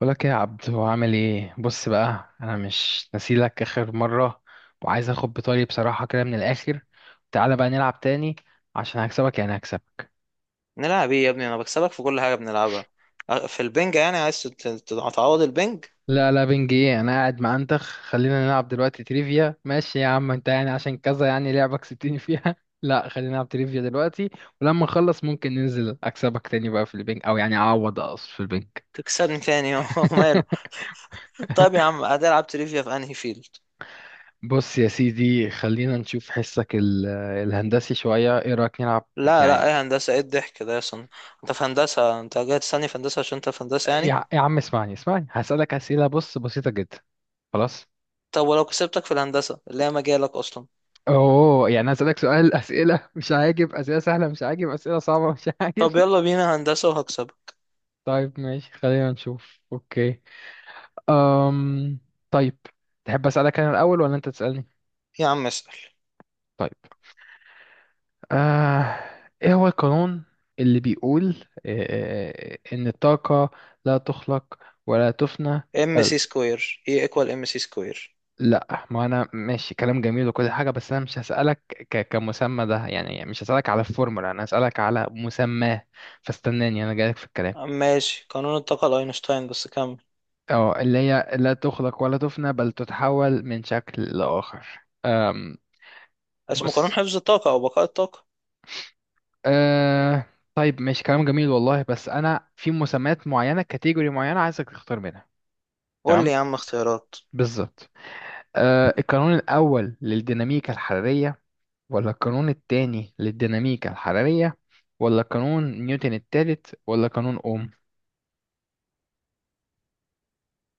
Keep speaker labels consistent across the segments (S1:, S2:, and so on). S1: بقولك ايه يا عبد؟ هو عامل ايه؟ بص بقى، انا مش نسيلك اخر مره، وعايز اخد بطاري بصراحه كده من الاخر. تعالى بقى نلعب تاني عشان هكسبك، يعني هكسب.
S2: نلعب ايه يا ابني؟ انا بكسبك في كل حاجه بنلعبها. في البنج يعني عايز تعوض البنج.
S1: لا لا، بنج ايه؟ انا قاعد مع انتخ. خلينا نلعب دلوقتي تريفيا، ماشي يا عم انت، يعني عشان كذا يعني لعبك كسبتني فيها. لا، خلينا نلعب تريفيا دلوقتي. ولما نخلص ممكن ننزل اكسبك تاني بقى في البنج، او يعني اعوض، اقصد، في البنج.
S2: تكسبني تاني؟ هو ماله؟ طيب يا عم، هتلعب تريفيا في انهي فيلد؟
S1: بص يا سيدي، خلينا نشوف حسك الهندسي شوية. ايه رأيك نلعب
S2: لا، لا،
S1: يعني؟
S2: ايه هندسه؟ ايه الضحك ده يا صن؟ انت في هندسه، انت جاي تستني في هندسه عشان انت في هندسه يعني.
S1: يا عم، اسمعني، هسألك أسئلة، بص، بسيطة جدا. خلاص.
S2: طب ولو كسبتك في الهندسه اللي هي مجالك اصلا؟
S1: اوه يعني هسألك سؤال. أسئلة مش عاجب، أسئلة سهلة مش عاجب، أسئلة صعبة مش عاجب.
S2: طب يلا بينا هندسه وهكسبك.
S1: طيب ماشي، خلينا نشوف. اوكي. أم... طيب. تحب أسألك أنا الأول ولا أنت تسألني؟
S2: يا عم اسال.
S1: طيب. آه... إيه هو القانون اللي بيقول إن الطاقة لا تخلق ولا تفنى؟
S2: ام سي سكوير؟ ايه، ايكوال ام سي سكوير.
S1: لا، ما انا ماشي، كلام جميل وكل حاجه، بس انا مش هسالك كمسمى ده يعني، مش هسالك على الفورمولا، انا هسالك على مسماه. فاستناني، انا جايلك في الكلام.
S2: ماشي، قانون الطاقه لاينشتاين، بس كمل.
S1: اه، اللي هي لا تخلق ولا تفنى بل تتحول من شكل لاخر. أم...
S2: اسمه قانون
S1: بص.
S2: حفظ الطاقه او بقاء الطاقه.
S1: أه... طيب ماشي، كلام جميل والله، بس انا في مسميات معينه، كاتيجوري معينه، عايزك تختار منها.
S2: قول لي
S1: تمام.
S2: يا عم اختيارات.
S1: بالظبط. القانون الاول للديناميكا الحراريه، ولا القانون التاني للديناميكا الحرارية، ولا قانون نيوتن التالت، ولا قانون أوم؟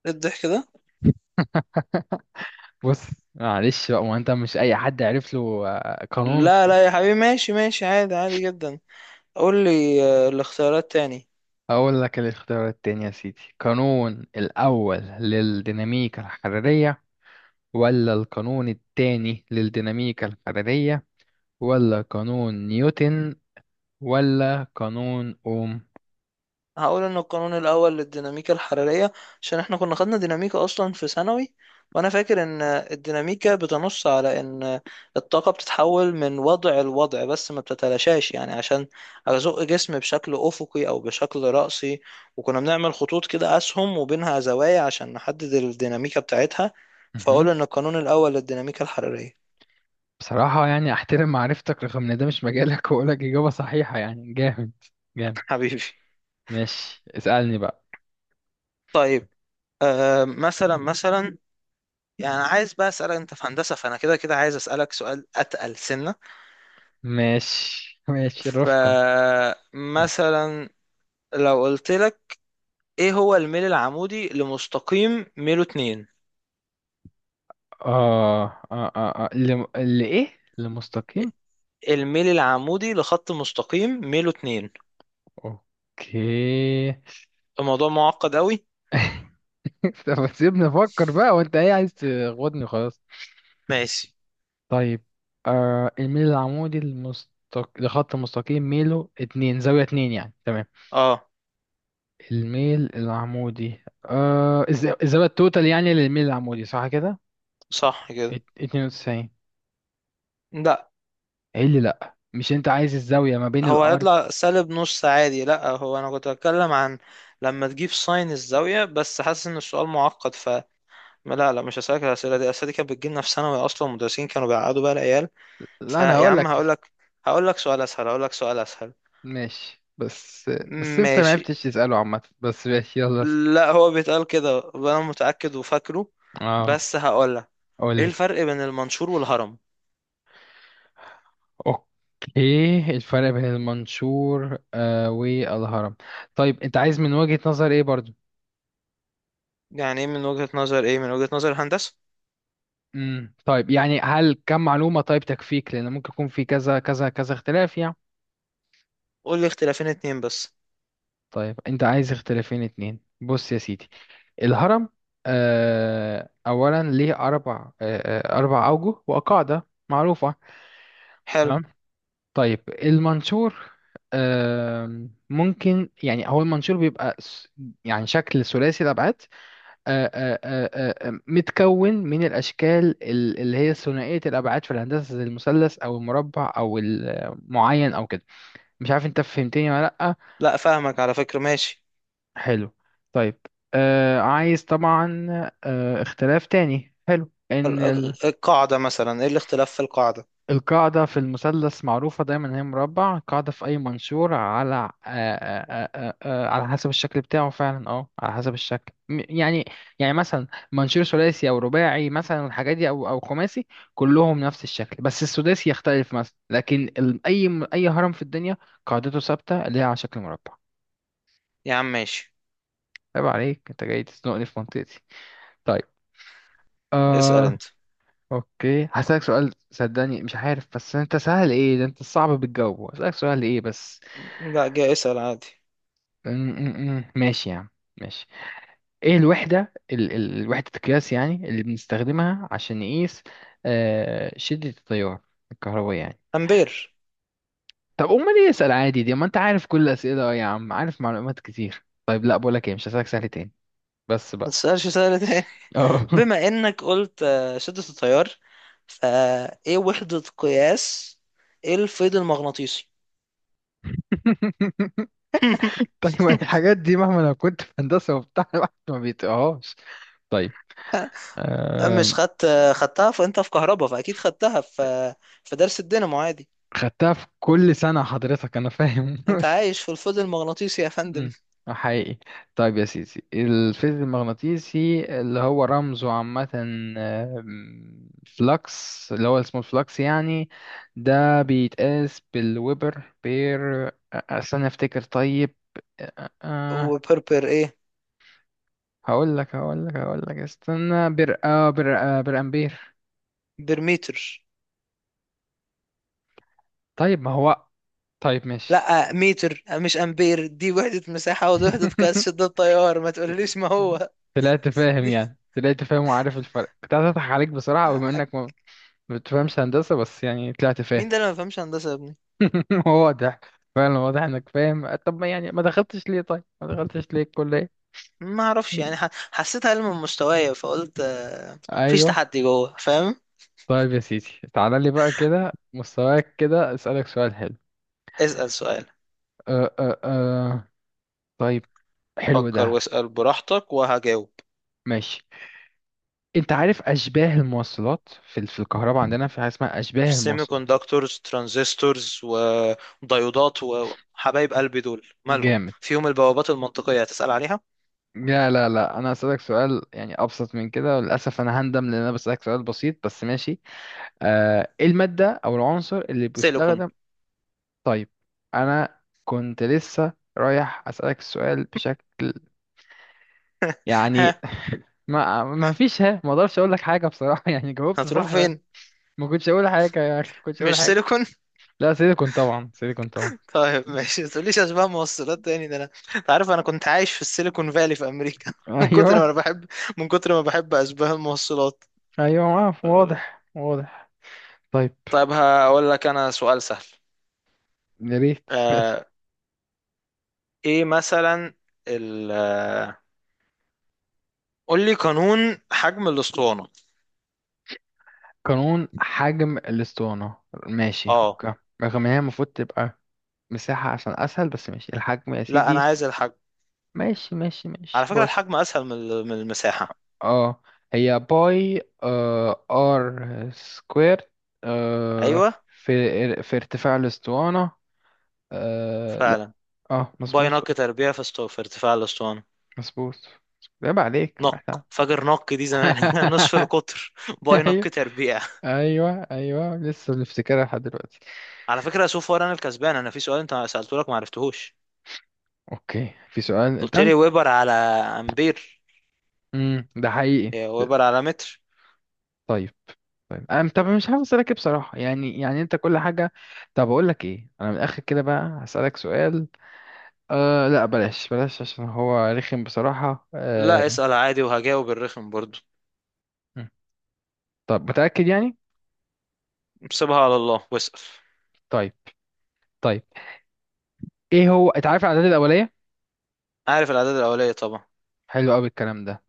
S2: ايه الضحك ده؟
S1: بص، معلش بقى، ما انت مش اي حد، عرف له قانون
S2: لا،
S1: ف...
S2: لا يا حبيبي، ماشي ماشي، عادي عادي جدا. قول لي الاختيارات تاني.
S1: اقول لك الاختيار التاني يا سيدي. قانون الاول للديناميكا الحرارية، ولا القانون التاني للديناميكا الحرارية، ولا قانون نيوتن، ولا قانون اوم؟
S2: هقول ان القانون الاول للديناميكا الحرارية. عشان احنا كنا خدنا ديناميكا اصلا في ثانوي، وانا فاكر ان الديناميكا بتنص على ان الطاقة بتتحول من وضع لوضع، بس ما بتتلاشاش يعني، عشان ازق جسم بشكل افقي او بشكل رأسي. وكنا بنعمل خطوط كده، اسهم وبينها زوايا عشان نحدد الديناميكا بتاعتها.
S1: مهم.
S2: فاقول ان القانون الاول للديناميكا الحرارية.
S1: بصراحة يعني احترم معرفتك رغم ان ده مش مجالك، واقول لك اجابة صحيحة يعني، جامد. جامد.
S2: حبيبي.
S1: ماشي، اسألني بقى.
S2: طيب، مثلا مثلا. يعني عايز بقى اسالك، انت في هندسه فانا كده كده عايز اسالك سؤال اتقل سنه.
S1: ماشي ماشي، رفقا.
S2: فمثلا، لو قلت لك، ايه هو الميل العمودي لمستقيم ميله 2؟
S1: آه اللي إيه؟ اللي مستقيم.
S2: الميل العمودي لخط مستقيم ميله 2.
S1: أوكي.
S2: الموضوع معقد قوي.
S1: طب سيبني أفكر بقى، وأنت إيه، عايز تغوضني؟ خلاص.
S2: ماشي،
S1: طيب. الميل العمودي لخط مستقيم ميله اتنين، زاوية اتنين يعني. تمام.
S2: اه،
S1: الميل العمودي، الزاوية التوتال يعني للميل العمودي، صح كده؟
S2: صح كده.
S1: اتنين وتسعين.
S2: لا،
S1: إيه اللي لأ؟ مش أنت عايز الزاوية ما بين
S2: هو
S1: الأرض؟
S2: هيطلع سالب نص عادي. لا، هو انا كنت بتكلم عن لما تجيب ساين الزاويه، بس حاسس ان السؤال معقد. ما لا لا، مش هسألك الأسئلة دي الأسئلة دي، كانت بتجيلنا في ثانوي أصلا، المدرسين كانوا بيقعدوا بقى العيال.
S1: لا انا
S2: فيا
S1: هقول
S2: عم،
S1: لك.
S2: هقول لك سؤال أسهل، هقول لك سؤال أسهل.
S1: ماشي بس انت ما
S2: ماشي.
S1: عرفتش تساله عامه، بس ماشي، يلا اسأل.
S2: لا، هو بيتقال كده وأنا متأكد وفاكره.
S1: اه،
S2: بس هقول لك،
S1: قول
S2: إيه
S1: لي.
S2: الفرق بين المنشور والهرم؟
S1: اوكي، الفرق بين المنشور والهرم. طيب، انت عايز من وجهة نظر ايه برضو؟
S2: يعني إيه من وجهة نظر إيه؟ من وجهة نظر الهندسة.
S1: طيب يعني، هل كم معلومة طيب تكفيك؟ لان ممكن يكون في كذا كذا كذا اختلاف يعني.
S2: قول لي اختلافين اتنين بس.
S1: طيب، انت عايز اختلافين اتنين؟ بص يا سيدي. الهرم، اولا ليه اربع، آه اربع اوجه وقاعدة معروفة.
S2: حلو.
S1: تمام. طيب، المنشور، ممكن يعني، هو المنشور بيبقى يعني شكل ثلاثي الأبعاد، آه، آه، آه، متكون من الأشكال اللي هي ثنائية الأبعاد في الهندسة، زي المثلث أو المربع أو المعين أو كده. مش عارف أنت فهمتني ولا لأ.
S2: لا، فاهمك على فكرة، ماشي.
S1: حلو. طيب. عايز طبعا اختلاف تاني حلو، إن
S2: القاعدة مثلا، إيه الاختلاف في القاعدة؟
S1: القاعدة في المثلث معروفة دايما إن هي مربع، القاعدة في أي منشور على على حسب الشكل بتاعه فعلا، اه، على حسب الشكل يعني. يعني مثلا، منشور ثلاثي أو رباعي مثلا، الحاجات دي، أو خماسي، كلهم نفس الشكل بس السداسي يختلف مثلا، لكن أي أي هرم في الدنيا، قاعدته ثابتة اللي هي على شكل مربع.
S2: يا عم ماشي.
S1: عيب عليك، أنت جاي تزنقني في منطقتي. طيب.
S2: اسأل
S1: آه
S2: أنت.
S1: أوكي هسألك سؤال، صدقني مش عارف بس، أنت سهل إيه ده، أنت صعب بتجاوبه. هسألك سؤال إيه بس.
S2: لا، جاي اسأل عادي.
S1: ماشي يا عم. ماشي. ايه الوحدة ال ال وحدة القياس يعني اللي بنستخدمها عشان نقيس شدة التيار الكهربائي يعني؟
S2: أمبير.
S1: طب امال ايه؟ اسأل عادي، دي ما انت عارف كل الأسئلة. اه يا عم، عارف معلومات كتير. طيب لا، بقولك ايه، مش هسألك سهل تاني بس
S2: ما
S1: بقى.
S2: تسألش سؤال.
S1: اه.
S2: بما انك قلت شدة التيار، فايه وحدة قياس؟ ايه الفيض المغناطيسي؟
S1: طيب الحاجات دي مهما لو كنت في هندسة وبتاع، الواحد ما بيتقهاش. طيب.
S2: مش
S1: آم،
S2: خدت. خدتها، فانت في كهرباء، فاكيد خدتها في درس الدينامو عادي.
S1: خدتها في كل سنة حضرتك، أنا فاهم.
S2: انت عايش في الفيض المغناطيسي يا فندم؟
S1: مم. حقيقي. طيب يا سيدي، الفيلد المغناطيسي اللي هو رمزه عامة، آه، فلكس، اللي هو اسمه الفلكس يعني، ده بيتقاس بالويبر بير استنى افتكر. طيب. أ- أ-
S2: وبربر ايه؟
S1: هقول لك استنى. بر آه بر آه بر امبير
S2: برميتر.
S1: طيب ما هو. طيب ماشي.
S2: لا، متر مش امبير، دي وحدة مساحة ودي وحدة قياس شدة التيار، ما تقوليش ما هو.
S1: طلعت فاهم،
S2: دي
S1: يعني طلعت فاهم وعارف الفرق. كنت هضحك عليك بصراحة بما
S2: آه،
S1: انك ما بتفهمش هندسة، بس يعني طلعت فاهم.
S2: مين ده اللي ما فهمش هندسة يا ابني؟
S1: واضح. فعلا واضح انك فاهم. طب ما يعني، ما دخلتش ليه، طيب ما دخلتش ليه الكلية؟
S2: ما اعرفش يعني، حسيتها علم من مستوايا فقلت مفيش
S1: ايوه.
S2: تحدي جوه، فاهم؟
S1: طيب يا سيدي، تعالى لي بقى كده، مستواك كده، اسألك سؤال حلو.
S2: اسأل سؤال.
S1: أه أه أه. طيب. حلو
S2: فكر
S1: ده.
S2: واسأل براحتك وهجاوب.
S1: ماشي. انت عارف اشباه المواصلات؟ في الكهرباء عندنا في حاجة اسمها اشباه
S2: سيمي
S1: المواصلات.
S2: كوندكتورز، ترانزستورز، وديودات، وحبايب قلبي دول مالهم
S1: جامد.
S2: فيهم، البوابات المنطقية هتسأل عليها؟
S1: لا لا لا، انا اسألك سؤال يعني ابسط من كده، وللاسف انا هندم لان انا بسألك سؤال بسيط بس، ماشي. ايه المادة او العنصر اللي
S2: سيليكون.
S1: بيستخدم؟ طيب انا كنت لسه رايح اسألك السؤال بشكل، يعني.
S2: ها؟
S1: ما فيش ها، ما اقدرش اقول لك حاجة بصراحة. يعني جاوبت
S2: هتروح
S1: صح بقى.
S2: فين؟
S1: ما كنتش اقول حاجة يا اخي، ما كنتش اقول
S2: مش
S1: حاجة.
S2: سيليكون؟
S1: لا، سيليكون طبعا، سيليكون طبعا.
S2: طيب ماشي، ما تقوليش اشباه موصلات تاني، ده انا. أنت عارف انا كنت عايش في السيليكون فالي في امريكا، من كتر ما
S1: ايوه،
S2: انا بحب، من كتر ما بحب اشباه الموصلات.
S1: ايوه. واضح، واضح. طيب.
S2: طيب هقول لك انا سؤال سهل.
S1: يا ريت. ماشي.
S2: آه، ايه مثلا ال قول لي قانون حجم الاسطوانه.
S1: قانون حجم الاسطوانة. ماشي
S2: اه،
S1: اوكي، رغم ان هي المفروض تبقى مساحة عشان اسهل، بس ماشي، الحجم يا
S2: لا، انا
S1: سيدي.
S2: عايز الحجم.
S1: ماشي ماشي ماشي،
S2: على فكره،
S1: بص.
S2: الحجم اسهل من من المساحه.
S1: اه، هي باي ار سكوير، آه
S2: ايوه.
S1: في في ارتفاع الاسطوانة. آه لا
S2: فعلا.
S1: اه،
S2: باي
S1: مظبوط.
S2: نق تربيع في في ارتفاع الاسطوانه.
S1: مظبوط. عيب عليك، احنا.
S2: نق، فاكر نق دي زمان نصف القطر. باي نق
S1: ايوه،
S2: تربيع.
S1: ايوه، ايوه، لسه بنفتكرها لحد دلوقتي.
S2: على فكره، سوف انا الكسبان، انا في سؤال انت سالته لك ما عرفتهوش.
S1: اوكي، في سؤال.
S2: قلت لي
S1: طيب.
S2: ويبر على امبير.
S1: ده حقيقي.
S2: إيه، ويبر على متر.
S1: طيب. طيب انا طب مش عارف اسالك إيه بصراحه، يعني انت كل حاجه. طب اقول لك ايه، انا من الاخر كده بقى هسالك سؤال. لا، بلاش بلاش عشان هو رخم بصراحة.
S2: لا،
S1: أه
S2: اسال عادي وهجاوب الرخم برضو.
S1: م. طب متأكد يعني؟
S2: سيبها على الله واسال.
S1: طيب. طيب. ايه هو، انت عارف الأعداد الأولية؟
S2: عارف الاعداد الاوليه طبعا.
S1: حلو قوي الكلام ده.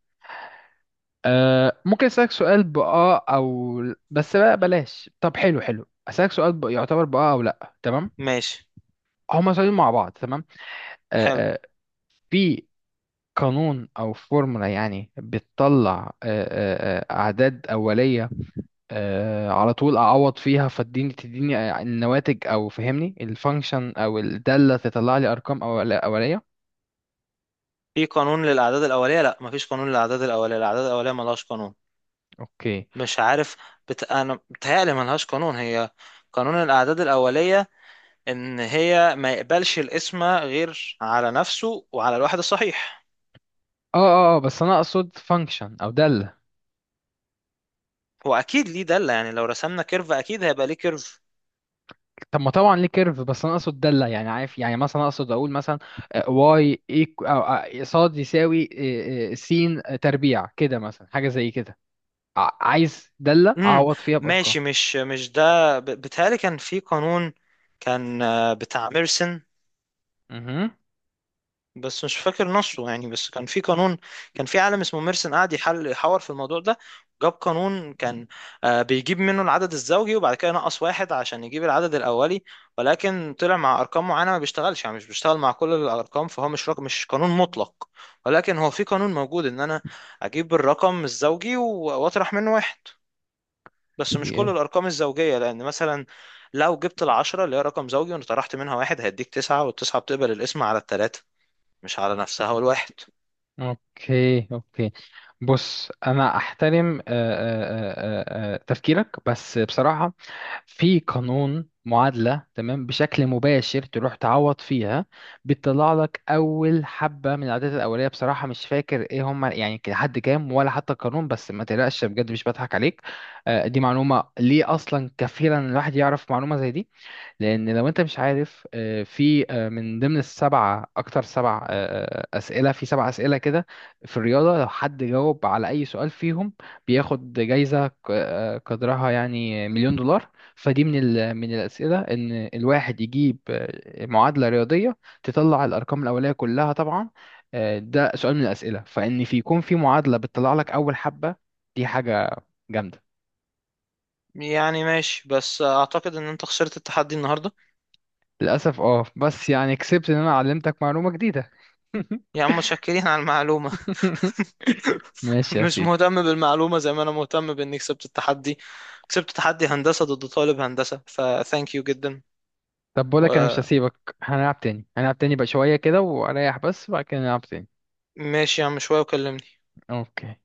S1: ممكن أسألك سؤال بآه أو بس بقى بلاش، طب حلو حلو، أسألك سؤال يعتبر بآه أو لأ تمام؟
S2: ماشي،
S1: هما سؤالين مع بعض تمام؟ أه
S2: حلو.
S1: أه. في قانون أو فورمولا يعني بتطلع أه أه آه، أعداد أولية، على طول اعوض فيها فتديني، تديني النواتج، او فهمني الفانكشن او الداله تطلع لي ارقام اوليه.
S2: في قانون للأعداد الأولية؟ لا، مفيش قانون للأعداد الأولية، الأعداد الأولية ملهاش قانون.
S1: اوكي.
S2: مش عارف. أنا بتهيألي ملهاش قانون هي. قانون الأعداد الأولية، إن هي ما يقبلش الاسم غير على نفسه وعلى الواحد الصحيح.
S1: بس انا اقصد فانكشن او داله.
S2: هو أكيد ليه دالة، يعني لو رسمنا كيرف أكيد هيبقى ليه كيرف.
S1: طب ما طبعا ليه كيرف، بس انا اقصد داله، يعني عارف، يعني مثلا، اقصد اقول مثلا، واي او صاد يساوي س تربيع كده مثلا، حاجه زي كده. عايز داله
S2: امم
S1: اعوض فيها بارقام.
S2: ماشي، مش ده، بتهيألي كان في قانون. كان بتاع ميرسن،
S1: مهم.
S2: بس مش فاكر نصه يعني، بس كان في قانون. كان في عالم اسمه ميرسن قاعد يحل يحاور في الموضوع ده، جاب قانون كان بيجيب منه العدد الزوجي وبعد كده ينقص واحد عشان يجيب العدد الأولي. ولكن طلع مع أرقام معينة ما بيشتغلش يعني، مش بيشتغل مع كل الأرقام، فهو مش رقم، مش قانون مطلق. ولكن هو في قانون موجود، إن أنا أجيب الرقم الزوجي و- وأطرح منه واحد. بس مش كل الأرقام الزوجية، لأن مثلا، لو جبت العشرة اللي هي رقم زوجي وأنا طرحت منها واحد، هيديك تسعة، والتسعة بتقبل القسمة على التلاتة، مش على نفسها والواحد.
S1: اوكي، اوكي. بص انا احترم تفكيرك، بس بصراحه في قانون معادله تمام بشكل مباشر تروح تعوض فيها، بتطلع لك اول حبه من العادات الاوليه. بصراحه مش فاكر ايه هم يعني، لحد كام، ولا حتى القانون، بس ما تقلقش بجد مش بضحك عليك. دي معلومه ليه اصلا كفيله ان الواحد يعرف معلومه زي دي. لان لو انت مش عارف، في من ضمن السبعه اكتر، سبع اسئله، في سبع اسئله كده في الرياضه، لو حد جاوب على اي سؤال فيهم بياخد جايزه قدرها يعني مليون دولار. فدي من من الاسئله، ان الواحد يجيب معادله رياضيه تطلع الارقام الاوليه كلها طبعا، ده سؤال من الاسئله، فان في يكون في معادله بتطلع لك اول حبه. دي حاجه جامده.
S2: يعني ماشي، بس اعتقد ان انت خسرت التحدي النهارده.
S1: للاسف اه، بس يعني كسبت ان انا علمتك معلومه جديده.
S2: يا عم، متشكرين على المعلومه.
S1: ماشي يا
S2: مش
S1: سيدي.
S2: مهتم بالمعلومه زي ما انا مهتم باني كسبت التحدي. كسبت تحدي هندسه ضد طالب هندسه، فثانك يو جدا.
S1: طب بقولك انا مش هسيبك، هنلعب تاني، هنلعب تاني بقى شوية كده واريح بس، وبعد كده نلعب تاني.
S2: وماشي يا عم، شويه وكلمني.
S1: اوكي